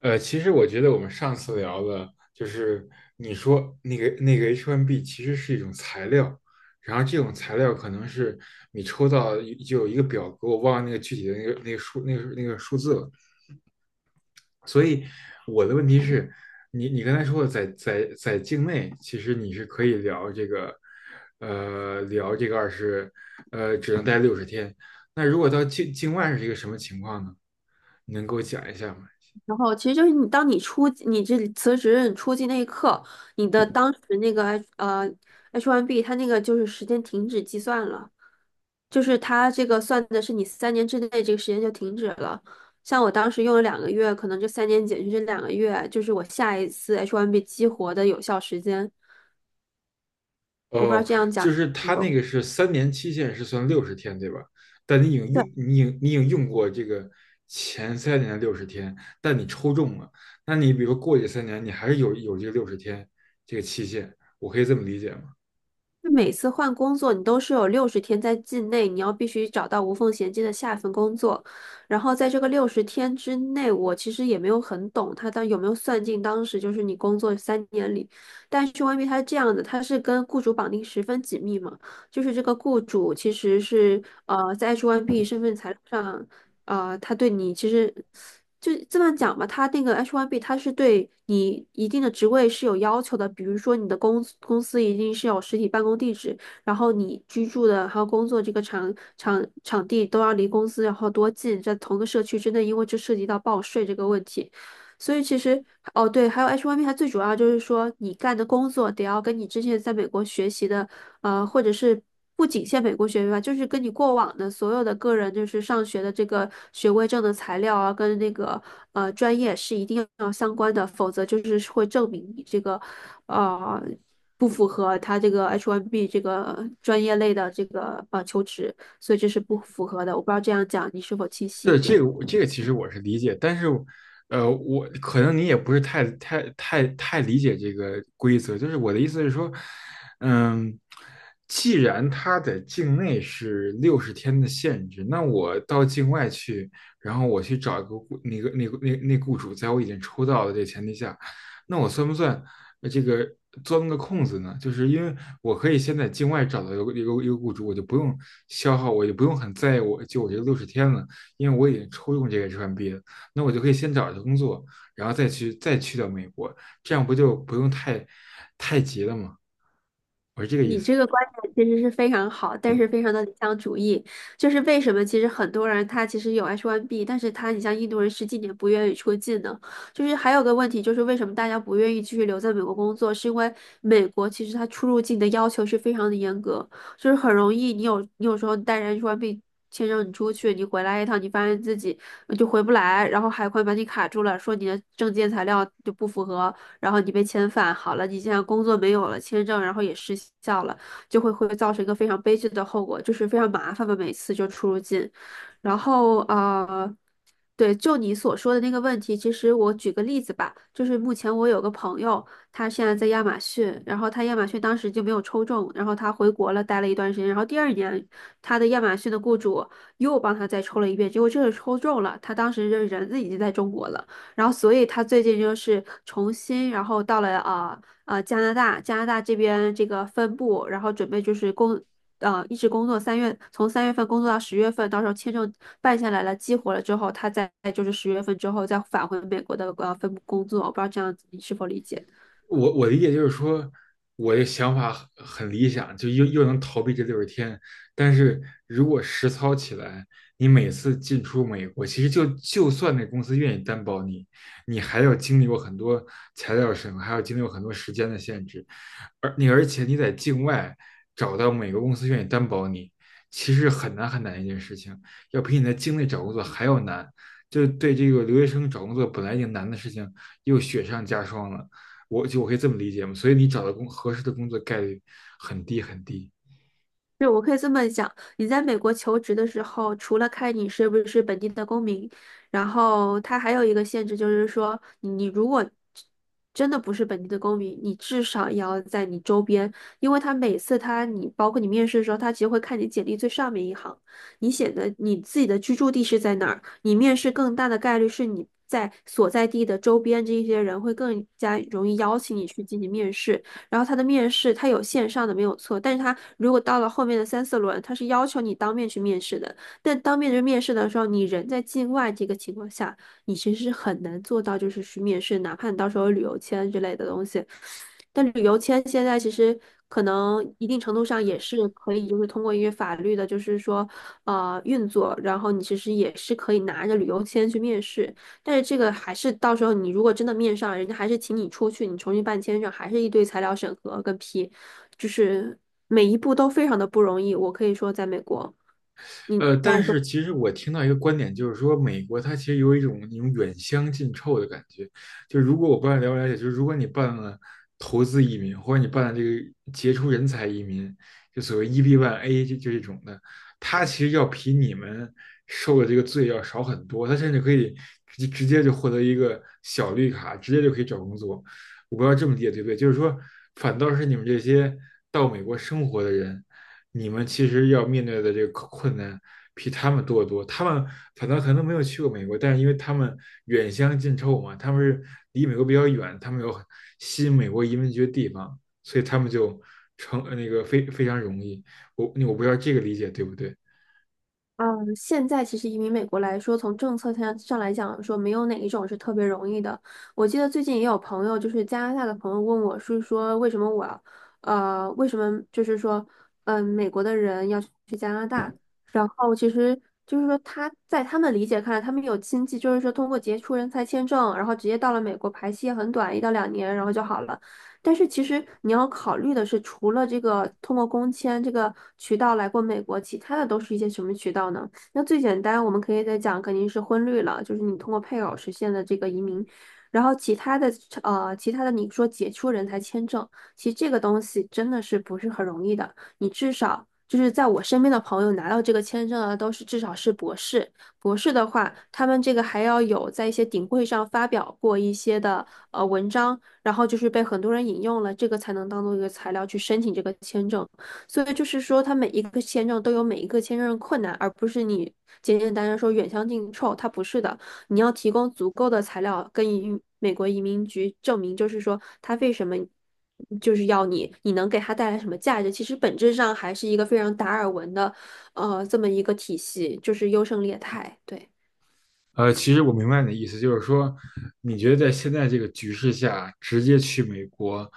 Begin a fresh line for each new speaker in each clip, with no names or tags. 其实我觉得我们上次聊的就是你说那个 H1B 其实是一种材料，然后这种材料可能是你抽到一就有一个表格，我忘了那个具体的那个那个数那个那个数字了。所以我的问题是，你刚才说的在境内，其实你是可以聊这个，呃，聊这个二十，呃，只能待六十天。那如果到境外是一个什么情况呢？你能给我讲一下吗？
然后其实就是你，当你你这辞职，你出境那一刻，你的当时那个 H1B，它那个就是时间停止计算了，就是它这个算的是你三年之内这个时间就停止了。像我当时用了两个月，可能这三年减去这两个月，就是我下一次 H1B 激活的有效时间。我不知道
哦，
这样讲
就是
你
他那
懂。
个是三年期限是算六十天，对吧？但你已经用，你已经用过这个前3年的六十天，但你抽中了，那你比如说过去3年，你还是有这个六十天这个期限，我可以这么理解吗？
就每次换工作，你都是有六十天在境内，你要必须找到无缝衔接的下一份工作。然后在这个六十天之内，我其实也没有很懂他当有没有算进当时就是你工作三年里，但是 YB 它是这样的，它是跟雇主绑定十分紧密嘛，就是这个雇主其实是在 H1B 身份材料上。他对你其实就这么讲吧，他那个 H1B 他是对你一定的职位是有要求的，比如说你的公司一定是有实体办公地址，然后你居住的还有工作这个场地都要离公司然后多近，在同个社区之内，因为这涉及到报税这个问题。所以其实哦，对，还有 H1B，它最主要就是说你干的工作得要跟你之前在美国学习的，或者是不仅限美国学位吧，就是跟你过往的所有的个人就是上学的这个学位证的材料啊，跟那个专业是一定要相关的，否则就是会证明你这个呃不符合他这个 H1B 这个专业类的这个求职，所以这是不符合的。我不知道这样讲你是否清晰
是
一点。
这个我这个其实我是理解，但是，我可能你也不是太理解这个规则。就是我的意思是说，嗯，既然它在境内是六十天的限制，那我到境外去，然后我去找一个雇那个那个那那雇主，在我已经抽到的这个前提下，那我算不算这个钻个空子呢？就是因为我可以先在境外找到一个雇主，我就不用消耗，我就不用很在意我这六十天了。因为我已经抽中这个 h 民 b 了，那我就可以先找一个工作，然后再去到美国，这样不就不用太急了吗？我是这个意
你
思。
这个观点其实是非常好，但是非常的理想主义。就是为什么其实很多人他其实有 H1B,但是他你像印度人10几年不愿意出境呢？就是还有个问题就是为什么大家不愿意继续留在美国工作，是因为美国其实它出入境的要求是非常的严格，就是很容易你有时候带着 H1B 签证你出去，你回来一趟，你发现自己就回不来，然后海关把你卡住了，说你的证件材料就不符合，然后你被遣返好了，你现在工作没有了，签证然后也失效了，就会造成一个非常悲剧的后果，就是非常麻烦嘛，每次就出入境。然后对，就你所说的那个问题，其实我举个例子吧，就是目前我有个朋友，他现在在亚马逊，然后他亚马逊当时就没有抽中，然后他回国了，待了一段时间，然后第2年他的亚马逊的雇主又帮他再抽了一遍，结果这次抽中了，他当时这人已经在中国了。然后所以他最近就是重新，然后到了加拿大，加拿大这边这个分部，然后准备就是一直工作三月，从3月份工作到十月份，到时候签证办下来了，激活了之后，他再就是十月份之后再返回美国的分部工作，我不知道这样子你是否理解。
我理解就是说，我的想法很理想，就又能逃避这六十天。但是如果实操起来，你每次进出美国，其实就算那公司愿意担保你，你还要经历过很多材料审核，还要经历过很多时间的限制。而且你在境外找到每个公司愿意担保你，其实很难很难一件事情，要比你在境内找工作还要难。就对这个留学生找工作本来已经难的事情，又雪上加霜了。我可以这么理解嘛，所以你找到合适的工作概率很低很低。
是，我可以这么讲，你在美国求职的时候，除了看你是不是本地的公民，然后它还有一个限制，就是说你你如果真的不是本地的公民，你至少也要在你周边，因为他每次他你包括你面试的时候，他其实会看你简历最上面一行，你写的你自己的居住地是在哪儿，你面试更大的概率是你在所在地的周边这一些人会更加容易邀请你去进行面试。然后他的面试他有线上的没有错，但是他如果到了后面的3、4轮，他是要求你当面去面试的。但当面去面试的时候，你人在境外这个情况下，你其实是很难做到就是去面试，哪怕你到时候有旅游签之类的东西。但旅游签现在其实可能一定程度上也是可以，就是通过一些法律的，就是说运作，然后你其实也是可以拿着旅游签去面试。但是这个还是到时候你如果真的面上，人家还是请你出去，你重新办签证，还是一堆材料审核跟批，就是每一步都非常的不容易。我可以说，在美国，你这
但
样说
是其实我听到一个观点，就是说美国它其实有一种那种远香近臭的感觉。就如果我不知道了不了解，就是如果你办了投资移民，或者你办了这个杰出人才移民，就所谓 EB1A 就这种的，它其实要比你们受的这个罪要少很多。它甚至可以直接就获得一个小绿卡，直接就可以找工作。我不知道这么理解对不对？就是说，反倒是你们这些到美国生活的人。你们其实要面对的这个困难比他们多得多。他们反倒可能没有去过美国，但是因为他们远香近臭嘛，他们是离美国比较远，他们有吸引美国移民局的地方，所以他们就成呃那个非非常容易。我不知道这个理解对不对？
嗯，现在其实移民美国来说，从政策上来讲说，没有哪一种是特别容易的。我记得最近也有朋友，就是加拿大的朋友问我，是说为什么我要为什么就是说，嗯，美国的人要去加拿大？然后其实就是说他在他们理解看来，他们有亲戚就是说通过杰出人才签证，然后直接到了美国，排期也很短，1到2年，然后就好了。但是其实你要考虑的是，除了这个通过工签这个渠道来过美国，其他的都是一些什么渠道呢？那最简单，我们可以再讲，肯定是婚绿了，就是你通过配偶实现的这个移民。然后其他的，其他的你说解除人才签证，其实这个东西真的是不是很容易的。你至少就是在我身边的朋友拿到这个签证啊，都是至少是博士。博士的话，他们这个还要有在一些顶会上发表过一些的文章，然后就是被很多人引用了，这个才能当做一个材料去申请这个签证。所以就是说，它每一个签证都有每一个签证的困难，而不是你简简单单说远香近臭，它不是的。你要提供足够的材料跟移民美国移民局证明，就是说他为什么就是要你，你能给他带来什么价值？其实本质上还是一个非常达尔文的，这么一个体系，就是优胜劣汰。对。
其实我明白你的意思，就是说，你觉得在现在这个局势下，直接去美国，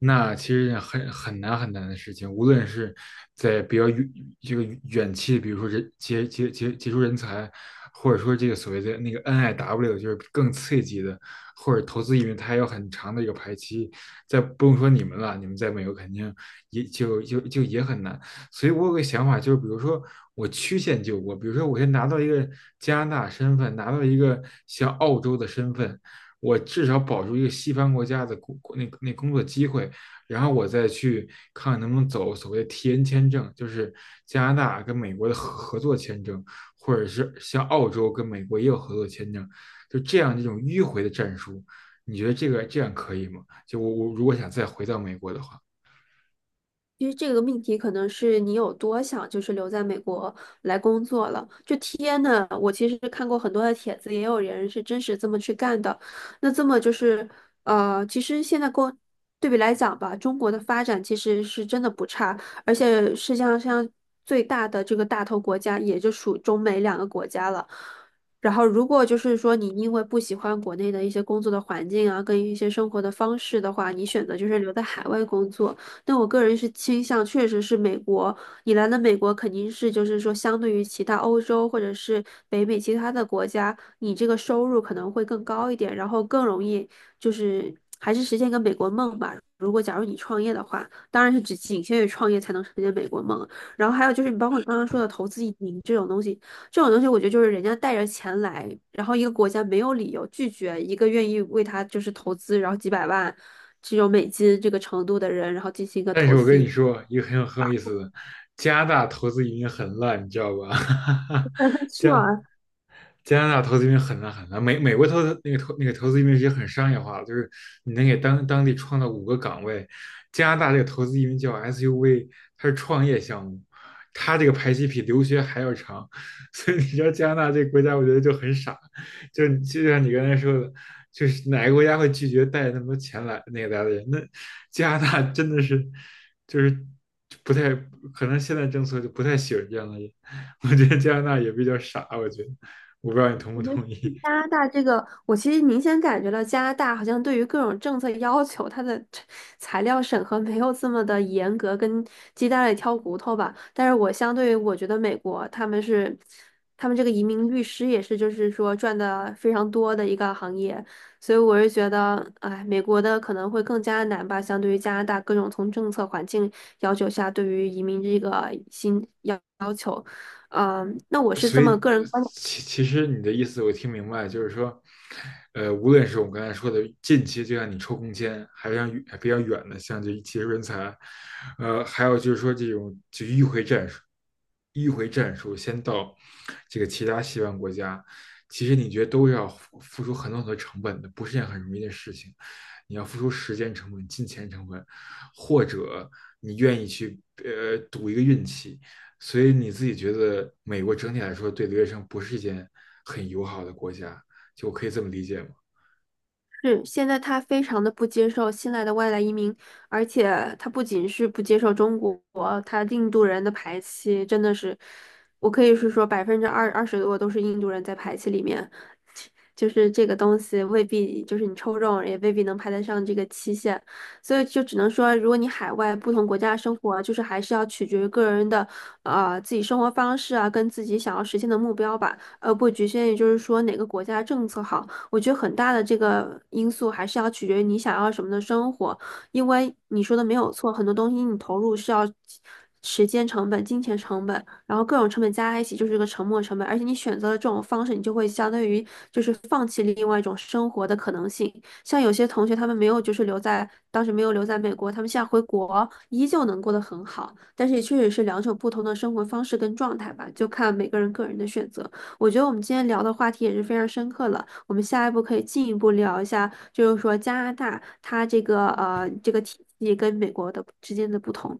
那其实是很难很难的事情。无论是在比较远这个远期，比如说人杰杰杰杰出人才，或者说这个所谓的那个 NIW，就是更刺激的，或者投资移民，它还有很长的一个排期。再不用说你们了，你们在美国肯定也就就就也很难。所以我有个想法，就是比如说我曲线救国，比如说我先拿到一个加拿大身份，拿到一个像澳洲的身份，我至少保住一个西方国家的工那那工作机会，然后我再去看看能不能走所谓的 T N 签证，就是加拿大跟美国的合作签证，或者是像澳洲跟美国也有合作签证，就这样一种迂回的战术，你觉得这个这样可以吗？就我如果想再回到美国的话。
因为这个命题可能是你有多想，就是留在美国来工作了。就天呐，我其实看过很多的帖子，也有人是真实这么去干的。那这么就是，其实现在跟对比来讲吧，中国的发展其实是真的不差，而且世界上像最大的这个大头国家，也就属中美两个国家了。然后，如果就是说你因为不喜欢国内的一些工作的环境啊，跟一些生活的方式的话，你选择就是留在海外工作。但我个人是倾向，确实是美国，你来了美国肯定是就是说，相对于其他欧洲或者是北美其他的国家，你这个收入可能会更高一点，然后更容易就是还是实现一个美国梦吧。如果假如你创业的话，当然是只仅限于创业才能实现美国梦。然后还有就是你包括你刚刚说的投资移民这种东西，这种东西我觉得就是人家带着钱来，然后一个国家没有理由拒绝一个愿意为他就是投资，然后几百万。只有美金这个程度的人，然后进行一个
但
投
是我
资
跟
移
你
民。
说一个很有意思的，加拿大投资移民很烂，你知道吧？
是
加
啊，
加拿大投资移民很难很难，美国投资那个投那个投资移民也很商业化，就是你能给当地创造5个岗位。加拿大这个投资移民叫 SUV，它是创业项目，它这个排期比留学还要长，所以你知道加拿大这个国家，我觉得就很傻，就是就像你刚才说的，就是哪个国家会拒绝带那么多钱来来的人？那加拿大真的是就是不太可能，现在政策就不太喜欢这样的人，我觉得加拿大也比较傻，我觉得。我不知道你同不
我觉得
同意。
加拿大这个，我其实明显感觉到加拿大好像对于各种政策要求，它的这材料审核没有这么的严格，跟鸡蛋里挑骨头吧。但是我相对于我觉得美国他们是，他们这个移民律师也是，就是说赚的非常多的一个行业，所以我是觉得，哎，美国的可能会更加难吧，相对于加拿大各种从政策环境要求下，对于移民这个新。要。嗯，那我是
所
这
以，
么个人观
其实你的意思我听明白，就是说，无论是我们刚才说的近期，就像你抽空间，还是像还比较远的，像这技术人才，还有就是说这种就迂回战术，迂回战术先到这个其他西方国家，其实你觉得都是要付出很多很多成本的，不是件很容易的事情。你要付出时间成本、金钱成本，或者你愿意去赌一个运气。所以你自己觉得美国整体来说对留学生不是一件很友好的国家，就我可以这么理解吗？
是，现在他非常的不接受新来的外来移民，而且他不仅是不接受中国，他印度人的排期真的是，我可以是说百分之二十多都是印度人在排期里面，就是这个东西未必就是你抽中也未必能排得上这个期限，所以就只能说，如果你海外不同国家生活，就是还是要取决于个人的啊自己生活方式啊，跟自己想要实现的目标吧，而不局限于就是说哪个国家政策好。我觉得很大的这个因素还是要取决于你想要什么的生活，因为你说的没有错，很多东西你投入是要时间成本、金钱成本，然后各种成本加在一起就是个沉没成本，而且你选择了这种方式，你就会相当于就是放弃了另外一种生活的可能性。像有些同学他们没有就是留在当时没有留在美国，他们现在回国依旧能过得很好，但是也确实是两种不同的生活方式跟状态吧，就看每个人个人的选择。我觉得我们今天聊的话题也是非常深刻了。我们下一步可以进一步聊一下，就是说加拿大它这个这个体系跟美国的之间的不同。